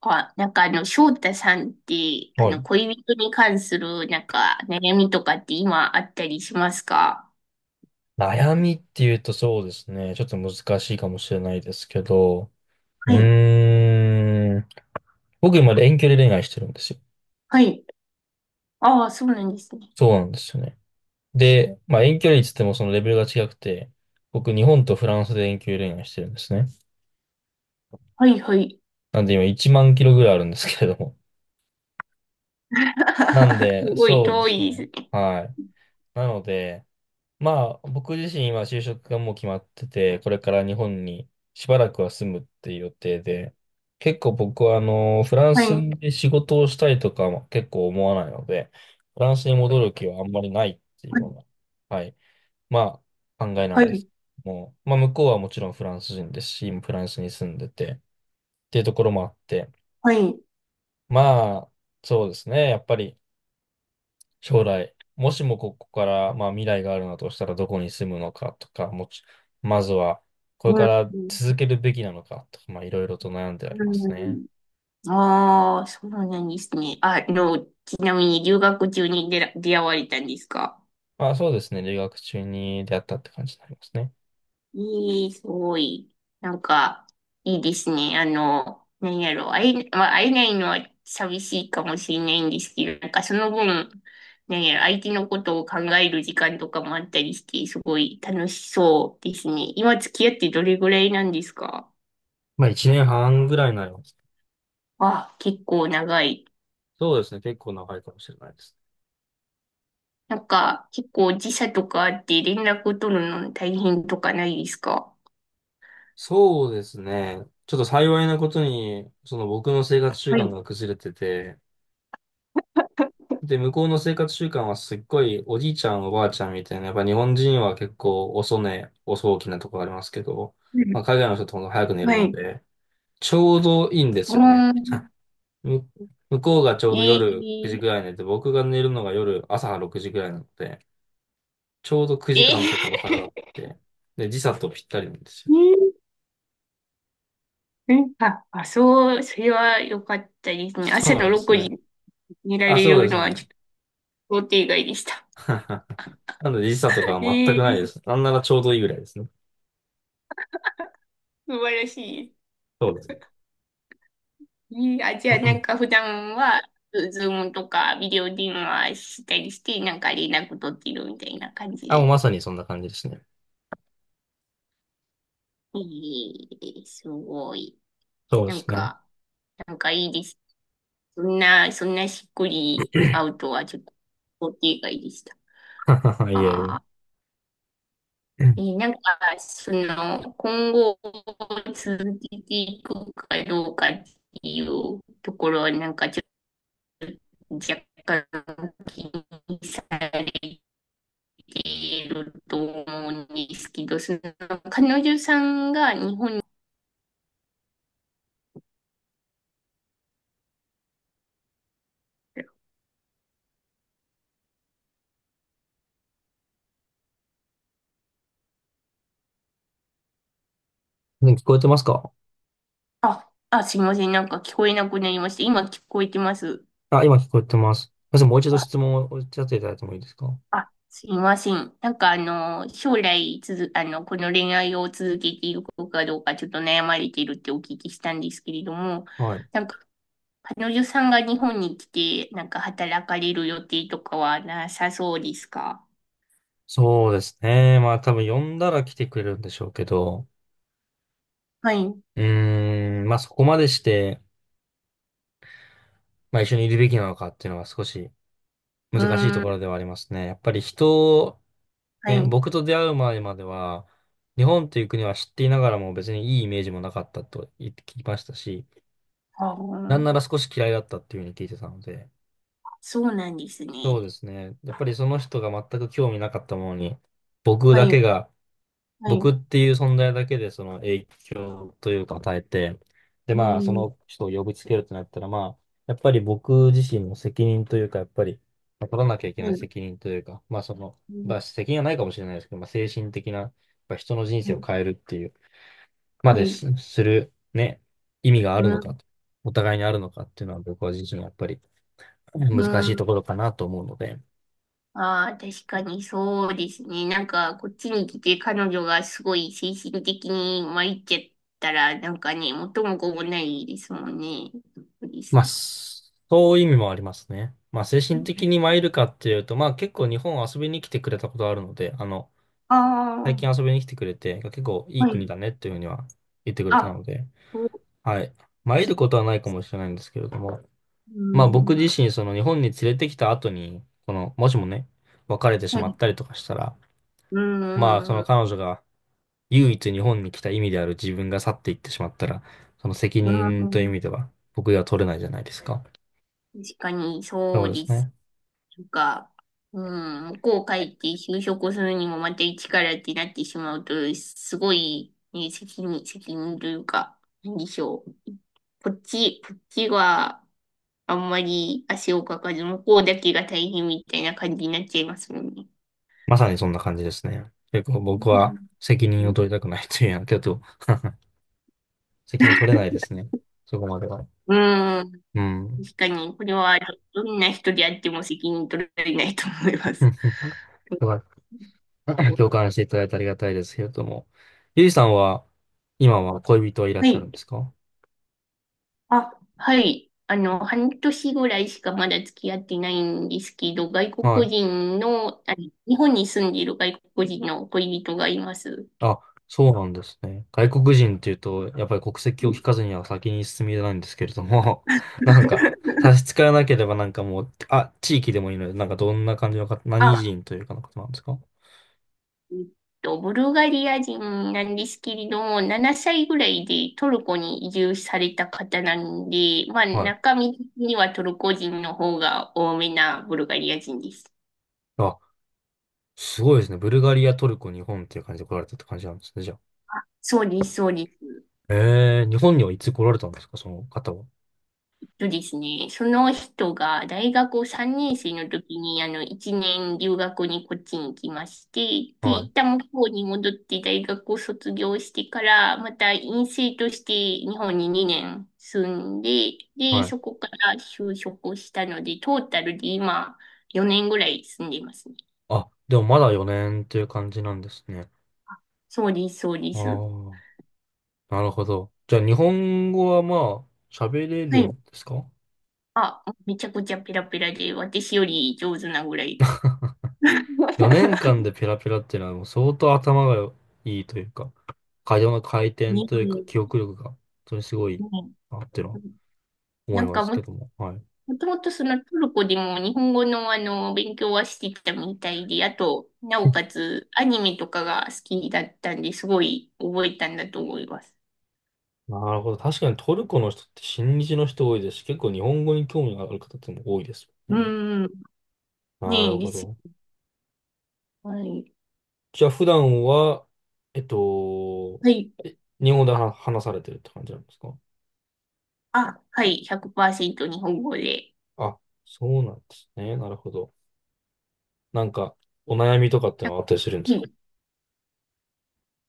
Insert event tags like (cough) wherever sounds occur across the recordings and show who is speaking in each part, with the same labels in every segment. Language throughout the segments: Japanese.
Speaker 1: あ、なんか翔太さんって、
Speaker 2: はい。
Speaker 1: 恋人に関する、なんか、悩みとかって今あったりしますか？
Speaker 2: 悩みっていうとそうですね。ちょっと難しいかもしれないですけど。う
Speaker 1: はい。
Speaker 2: ーん。僕今遠距離恋愛してるんですよ。
Speaker 1: はい。ああ、そうなんですね。
Speaker 2: そうなんですよね。で、まあ遠距離って言ってもそのレベルが違くて、僕日本とフランスで遠距離恋愛してるんですね。
Speaker 1: はい、はい。
Speaker 2: なんで今1万キロぐらいあるんですけれども。なん
Speaker 1: (laughs) す
Speaker 2: で、
Speaker 1: ごい
Speaker 2: そうで
Speaker 1: 遠
Speaker 2: す
Speaker 1: いで
Speaker 2: ね。
Speaker 1: すね。
Speaker 2: はい。なので、まあ、僕自身は就職がもう決まってて、これから日本にしばらくは住むっていう予定で、結構僕はフラン
Speaker 1: は
Speaker 2: ス
Speaker 1: い。
Speaker 2: で仕事をしたいとかも結構思わないので、フランスに戻る気はあんまりないっていう
Speaker 1: はい、
Speaker 2: ような、はい、まあ、考えな
Speaker 1: は
Speaker 2: んで
Speaker 1: い、
Speaker 2: す。もう、まあ、向こうはもちろんフランス人ですし、今フランスに住んでて、っていうところもあって、
Speaker 1: はい。
Speaker 2: まあ、そうですね、やっぱり、将来、もしもここから、まあ、未来があるのだとしたらどこに住むのかとか、まずはこれ
Speaker 1: う
Speaker 2: か
Speaker 1: ん、
Speaker 2: ら
Speaker 1: う
Speaker 2: 続
Speaker 1: ん。
Speaker 2: けるべきなのかとか、まあ、いろいろと悩んでありますね。
Speaker 1: ああ、そうなんですね。ちなみに留学中に出会われたんですか？
Speaker 2: まあ、そうですね。留学中に出会ったって感じになりますね。
Speaker 1: いい、すごい。なんか、いいですね。なんやろ、まあ、会えないのは寂しいかもしれないんですけど、なんかその分、なんやろ、相手のことを考える時間とかもあったりして、すごい楽しそうですね。今付き合ってどれぐらいなんですか？
Speaker 2: まあ、1年半ぐらいになります。
Speaker 1: あ、結構長い。
Speaker 2: そうですね。結構長いかもしれないです。
Speaker 1: なんか、結構時差とかあって連絡取るの大変とかないですか？
Speaker 2: そうですね。ちょっと幸いなことに、その僕の生活習
Speaker 1: は
Speaker 2: 慣
Speaker 1: い。
Speaker 2: が崩れてて、で、向こうの生活習慣はすっごいおじいちゃんおばあちゃんみたいな、やっぱ日本人は結構遅寝、遅起きなところありますけど、
Speaker 1: う
Speaker 2: まあ、
Speaker 1: ん、
Speaker 2: 海外の人ってほんと早く寝る
Speaker 1: は
Speaker 2: の
Speaker 1: い。う
Speaker 2: で、ちょうどいいんですよね。
Speaker 1: ーん。
Speaker 2: (laughs) む向こうがちょうど
Speaker 1: え
Speaker 2: 夜9時
Speaker 1: ー、
Speaker 2: ぐらい寝て、僕が寝るのが夜朝6時ぐらいなので、ちょうど
Speaker 1: え
Speaker 2: 9時間とかの差があ
Speaker 1: ー、
Speaker 2: っ
Speaker 1: (laughs) え
Speaker 2: て、で、時差とぴったりなんですよ。
Speaker 1: ー、うん、あ、あ、そう、それは良かったですね。
Speaker 2: そう
Speaker 1: 朝
Speaker 2: なん
Speaker 1: の
Speaker 2: です
Speaker 1: 6時
Speaker 2: ね。
Speaker 1: に寝ら
Speaker 2: あ、
Speaker 1: れ
Speaker 2: そう
Speaker 1: る
Speaker 2: で
Speaker 1: の
Speaker 2: す
Speaker 1: はちょ
Speaker 2: ね。
Speaker 1: っと想定外でした。
Speaker 2: (laughs) なので時差とかは全
Speaker 1: (laughs)
Speaker 2: くないで
Speaker 1: ええ、
Speaker 2: す。なんならちょうどいいぐらいですね。
Speaker 1: 素晴らしい。
Speaker 2: そうですね。
Speaker 1: ええ、あ、じ
Speaker 2: う
Speaker 1: ゃあ
Speaker 2: んう
Speaker 1: な
Speaker 2: ん
Speaker 1: んか普段は、ズームとかビデオ電話したりして、なんか連絡取ってるみたいな感じ
Speaker 2: あ、もう
Speaker 1: で。
Speaker 2: まさにそんな感じですね。
Speaker 1: ええ、すごい。
Speaker 2: そうで
Speaker 1: なん
Speaker 2: すね。
Speaker 1: か、なんかいいです。そんなしっくり会う
Speaker 2: (laughs)
Speaker 1: とはちょっと想定外でした。
Speaker 2: (clears throat) はは、はいえい
Speaker 1: ああ。
Speaker 2: え。うん、
Speaker 1: なんか、今後続けていくかどうかっていうところは、なんかちょっと若干気にされていると思うんですけど、彼女さんが日本に、
Speaker 2: ね、聞こえてますか？
Speaker 1: あ、あ、すいません、なんか聞こえなくなりました。今聞こえてます。
Speaker 2: あ、今聞こえてます。すみません、もう一度
Speaker 1: あ、
Speaker 2: 質問をおっしゃっていただいてもいいですか？
Speaker 1: あ、すいません。なんか将来つづ、この恋愛を続けていくかどうか、ちょっと悩まれているってお聞きしたんですけれども、
Speaker 2: はい。
Speaker 1: なんか彼女さんが日本に来て、なんか働かれる予定とかはなさそうですか？
Speaker 2: そうですね。まあ多分呼んだら来てくれるんでしょうけど、
Speaker 1: はい。う
Speaker 2: うーん、まあそこまでして、まあ一緒にいるべきなのかっていうのが少し難しい
Speaker 1: ー
Speaker 2: と
Speaker 1: ん、
Speaker 2: ころではありますね。やっぱり人を、
Speaker 1: は
Speaker 2: ね、
Speaker 1: い。
Speaker 2: 僕と出会う前までは、日本という国は知っていながらも別にいいイメージもなかったと言って聞きましたし、
Speaker 1: あ
Speaker 2: なん
Speaker 1: ー、
Speaker 2: なら少し嫌いだったっていうふうに聞いてたので、
Speaker 1: そうなんですね。
Speaker 2: そうですね。やっぱりその人が全く興味なかったものに、僕
Speaker 1: は
Speaker 2: だ
Speaker 1: い。
Speaker 2: けが、僕っていう存在だけでその影響というか与えて、で、
Speaker 1: う
Speaker 2: まあ、
Speaker 1: ん、
Speaker 2: その人を呼びつけるとなったら、まあ、やっぱり僕自身の責任というか、やっぱり、まあ取らなきゃいけない
Speaker 1: は
Speaker 2: 責任というか、まあ、その、まあ、責任はないかもしれないですけど、まあ、精神的な、やっぱ人の人生を
Speaker 1: い。
Speaker 2: 変えるっていう、ま
Speaker 1: は
Speaker 2: で
Speaker 1: い。
Speaker 2: すする、ね、意味がある
Speaker 1: う
Speaker 2: の
Speaker 1: ん、
Speaker 2: か、お互いにあるのかっていうのは、僕は自身やっぱり難
Speaker 1: う
Speaker 2: しいと
Speaker 1: ん。
Speaker 2: ころかなと思うので、
Speaker 1: ああ、確かにそうですね。なんか、こっちに来て彼女がすごい精神的に参っちゃったら、なんかね、元も子もないですもんね。そうで
Speaker 2: ま
Speaker 1: す
Speaker 2: あ、
Speaker 1: ね。
Speaker 2: そういう意味もありますね。まあ、精神的に参るかっていうと、まあ、結構日本遊びに来てくれたことあるので、最
Speaker 1: あ
Speaker 2: 近遊びに来てくれて、結構い
Speaker 1: あ、
Speaker 2: い
Speaker 1: は
Speaker 2: 国
Speaker 1: い。
Speaker 2: だねっていうふうには言ってくれた
Speaker 1: あ、
Speaker 2: ので、
Speaker 1: そうで
Speaker 2: はい。参る
Speaker 1: す。
Speaker 2: ことはないかもしれないんですけれども、
Speaker 1: う
Speaker 2: まあ、僕
Speaker 1: ん。
Speaker 2: 自身、その日本に連れてきた後に、この、もしもね、別れてし
Speaker 1: は
Speaker 2: まっ
Speaker 1: い、
Speaker 2: たりとかしたら、
Speaker 1: う
Speaker 2: まあ、そ
Speaker 1: ん、う
Speaker 2: の
Speaker 1: ん、
Speaker 2: 彼女が唯一日本に来た意味である自分が去っていってしまったら、その責
Speaker 1: う
Speaker 2: 任という意味
Speaker 1: ん。
Speaker 2: では、僕が取れないじゃないですか。
Speaker 1: 確かに、
Speaker 2: そ
Speaker 1: そ
Speaker 2: う
Speaker 1: う
Speaker 2: です
Speaker 1: です。
Speaker 2: ね。
Speaker 1: とか、うん、向こう帰って就職するにもまた一からってなってしまうと、すごい、ね、責任というか、なんでしょう。こっちは、あんまり足をかかず、向こうだけが大変みたいな感じになっちゃいますもんね。
Speaker 2: まさにそんな感じですね。結構
Speaker 1: う
Speaker 2: 僕は
Speaker 1: ん、
Speaker 2: 責任を取りたくないというやけど、(laughs) 責任取れないですね。そこまでは。
Speaker 1: うん、
Speaker 2: うん。
Speaker 1: 確かに、これはどんな人であっても責任取られないと思います。
Speaker 2: (laughs) だから (coughs) (laughs) 共感していただいてありがたいですけれども。ゆいさんは、今は恋人はいらっ
Speaker 1: は
Speaker 2: しゃる
Speaker 1: い。
Speaker 2: んですか？
Speaker 1: あ、はい。半年ぐらいしかまだ付き合ってないんですけど、外
Speaker 2: は
Speaker 1: 国
Speaker 2: い。
Speaker 1: 人の、日本に住んでいる外国人の恋人がいます。
Speaker 2: あ、そうなんですね。外国人っていうと、やっぱり国籍
Speaker 1: う
Speaker 2: を
Speaker 1: ん、
Speaker 2: 聞かずには先に進みないんですけれども、(laughs) なんか、差し支えなければなんかもう、あ、地域でもいいので、なんかどんな感じの方、何
Speaker 1: あ、
Speaker 2: 人というかの方なんですか？
Speaker 1: えっブルガリア人なんですけれども、7歳ぐらいでトルコに移住された方なんで、まあ、
Speaker 2: はい。
Speaker 1: 中身的にはトルコ人の方が多めなブルガリア人です。
Speaker 2: あ、すごいですね。ブルガリア、トルコ、日本っていう感じで来られたって感じなんですね、じゃあ。
Speaker 1: そうです、そうです。
Speaker 2: ええ、日本にはいつ来られたんですか、その方は。
Speaker 1: そうですね。その人が大学3年生の時に、1年留学にこっちに来まして、で、
Speaker 2: はい、
Speaker 1: 一旦向こうに戻って大学を卒業してから、また院生として日本に2年住んで、で、
Speaker 2: はい。
Speaker 1: そこから就職したので、トータルで今4年ぐらい住んでますね。
Speaker 2: あ、でもまだ4年っていう感じなんですね。
Speaker 1: そうです、そうで
Speaker 2: あ
Speaker 1: す。
Speaker 2: あ、なるほど。じゃあ、日本語はまあ、喋れ
Speaker 1: は
Speaker 2: る
Speaker 1: い。
Speaker 2: んですか？
Speaker 1: あ、めちゃくちゃペラペラで、私より上手なぐらいです。
Speaker 2: 4 年間
Speaker 1: (laughs)
Speaker 2: でペラペラっていうのはもう相当頭がいいというか、会話の回転
Speaker 1: ね
Speaker 2: とい
Speaker 1: え、
Speaker 2: うか、
Speaker 1: ね
Speaker 2: 記憶力が本当にすごいなっていうの
Speaker 1: え
Speaker 2: は思
Speaker 1: な
Speaker 2: い
Speaker 1: ん
Speaker 2: ま
Speaker 1: か
Speaker 2: す
Speaker 1: も
Speaker 2: けども。はい。
Speaker 1: もともとそのトルコでも日本語の勉強はしてきたみたいで、あと、なおかつアニメとかが好きだったんですごい覚えたんだと思います。
Speaker 2: なるほど。確かにトルコの人って親日の人多いですし、結構日本語に興味がある方っても多いですよ
Speaker 1: う
Speaker 2: ね。
Speaker 1: ん、
Speaker 2: な
Speaker 1: ね
Speaker 2: る
Speaker 1: えで
Speaker 2: ほ
Speaker 1: す。
Speaker 2: ど。
Speaker 1: はい。
Speaker 2: じゃあ普段は、えっと、
Speaker 1: はい。
Speaker 2: 日本語で話されてるって感じなんですか？
Speaker 1: あ、はい、100%日本語で。
Speaker 2: あ、そうなんですね。なるほど。なんか、お悩みとかってのはあったりするんです
Speaker 1: は
Speaker 2: か？
Speaker 1: い。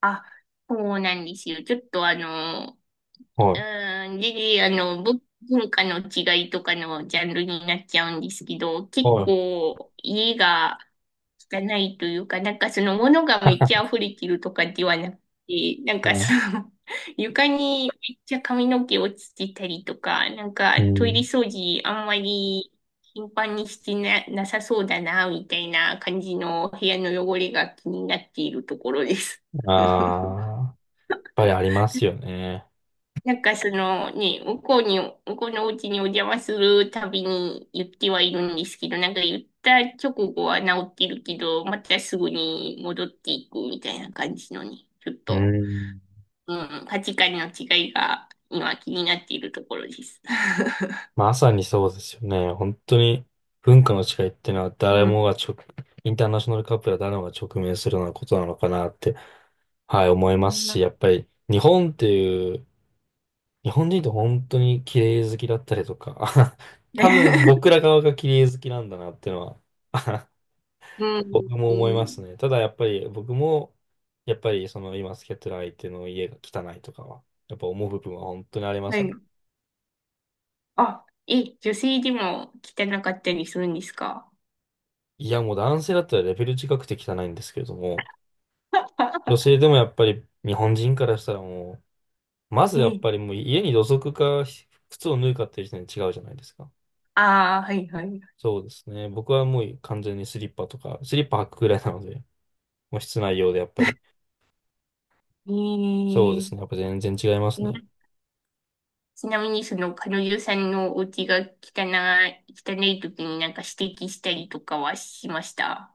Speaker 1: あ、そうなんですよ。ちょっと
Speaker 2: はい。
Speaker 1: うん、で、文化の違いとかのジャンルになっちゃうんですけど、結
Speaker 2: は
Speaker 1: 構家が汚いというか、なんかその物が
Speaker 2: い。
Speaker 1: めっち
Speaker 2: (laughs)
Speaker 1: ゃ溢れてるとかではなくて、なん
Speaker 2: は
Speaker 1: か
Speaker 2: い。
Speaker 1: その (laughs) 床にめっちゃ髪の毛落ちてたりとか、なんか
Speaker 2: う
Speaker 1: トイレ
Speaker 2: ん。
Speaker 1: 掃除あんまり頻繁にしてなさそうだな、みたいな感じの部屋の汚れが気になっているところです。(laughs)
Speaker 2: ああ、やっぱりありますよね。
Speaker 1: なんかそのね、向こうのお家にお邪魔するたびに言ってはいるんですけど、なんか言った直後は治ってるけど、またすぐに戻っていくみたいな感じのね、ちょっ
Speaker 2: う
Speaker 1: と、
Speaker 2: ん。
Speaker 1: うん、価値観の違いが今気になっているところです。(laughs)
Speaker 2: まさにそうですよね。本当に文化の違いっていうのは誰
Speaker 1: うん。
Speaker 2: もが直、インターナショナルカップルは誰もが直面するようなことなのかなって、はい、思いますし、やっぱり日本っていう、日本人って本当に綺麗好きだったりとか、(laughs) 多分
Speaker 1: (laughs)
Speaker 2: 僕ら側が綺麗好きなんだなっていうのは
Speaker 1: うん
Speaker 2: 僕も
Speaker 1: うん、
Speaker 2: 思い
Speaker 1: う
Speaker 2: ます
Speaker 1: ん、
Speaker 2: ね。ただやっぱり僕も、やっぱりその今付き合ってる相手の家が汚いとかは、やっぱ思う部分は本当にありま
Speaker 1: は
Speaker 2: すね。
Speaker 1: い。あ、え、女性でも汚かったりするんですか？
Speaker 2: いやもう男性だったらレベル違くて汚いんですけれども、女
Speaker 1: (laughs)
Speaker 2: 性でもやっぱり日本人からしたらもう、まずやっ
Speaker 1: え、
Speaker 2: ぱりもう家に土足か靴を脱いかっていう時点で違うじゃないですか。
Speaker 1: ああ、はいはい。
Speaker 2: そうですね。僕はもう完全にスリッパとか、スリッパ履くくらいなので、もう室内用でやっぱり。
Speaker 1: え
Speaker 2: そうで
Speaker 1: ー、
Speaker 2: すね。やっぱ全然違いますね。
Speaker 1: ちなみにその彼女さんのお家が汚い時になんか指摘したりとかはしました？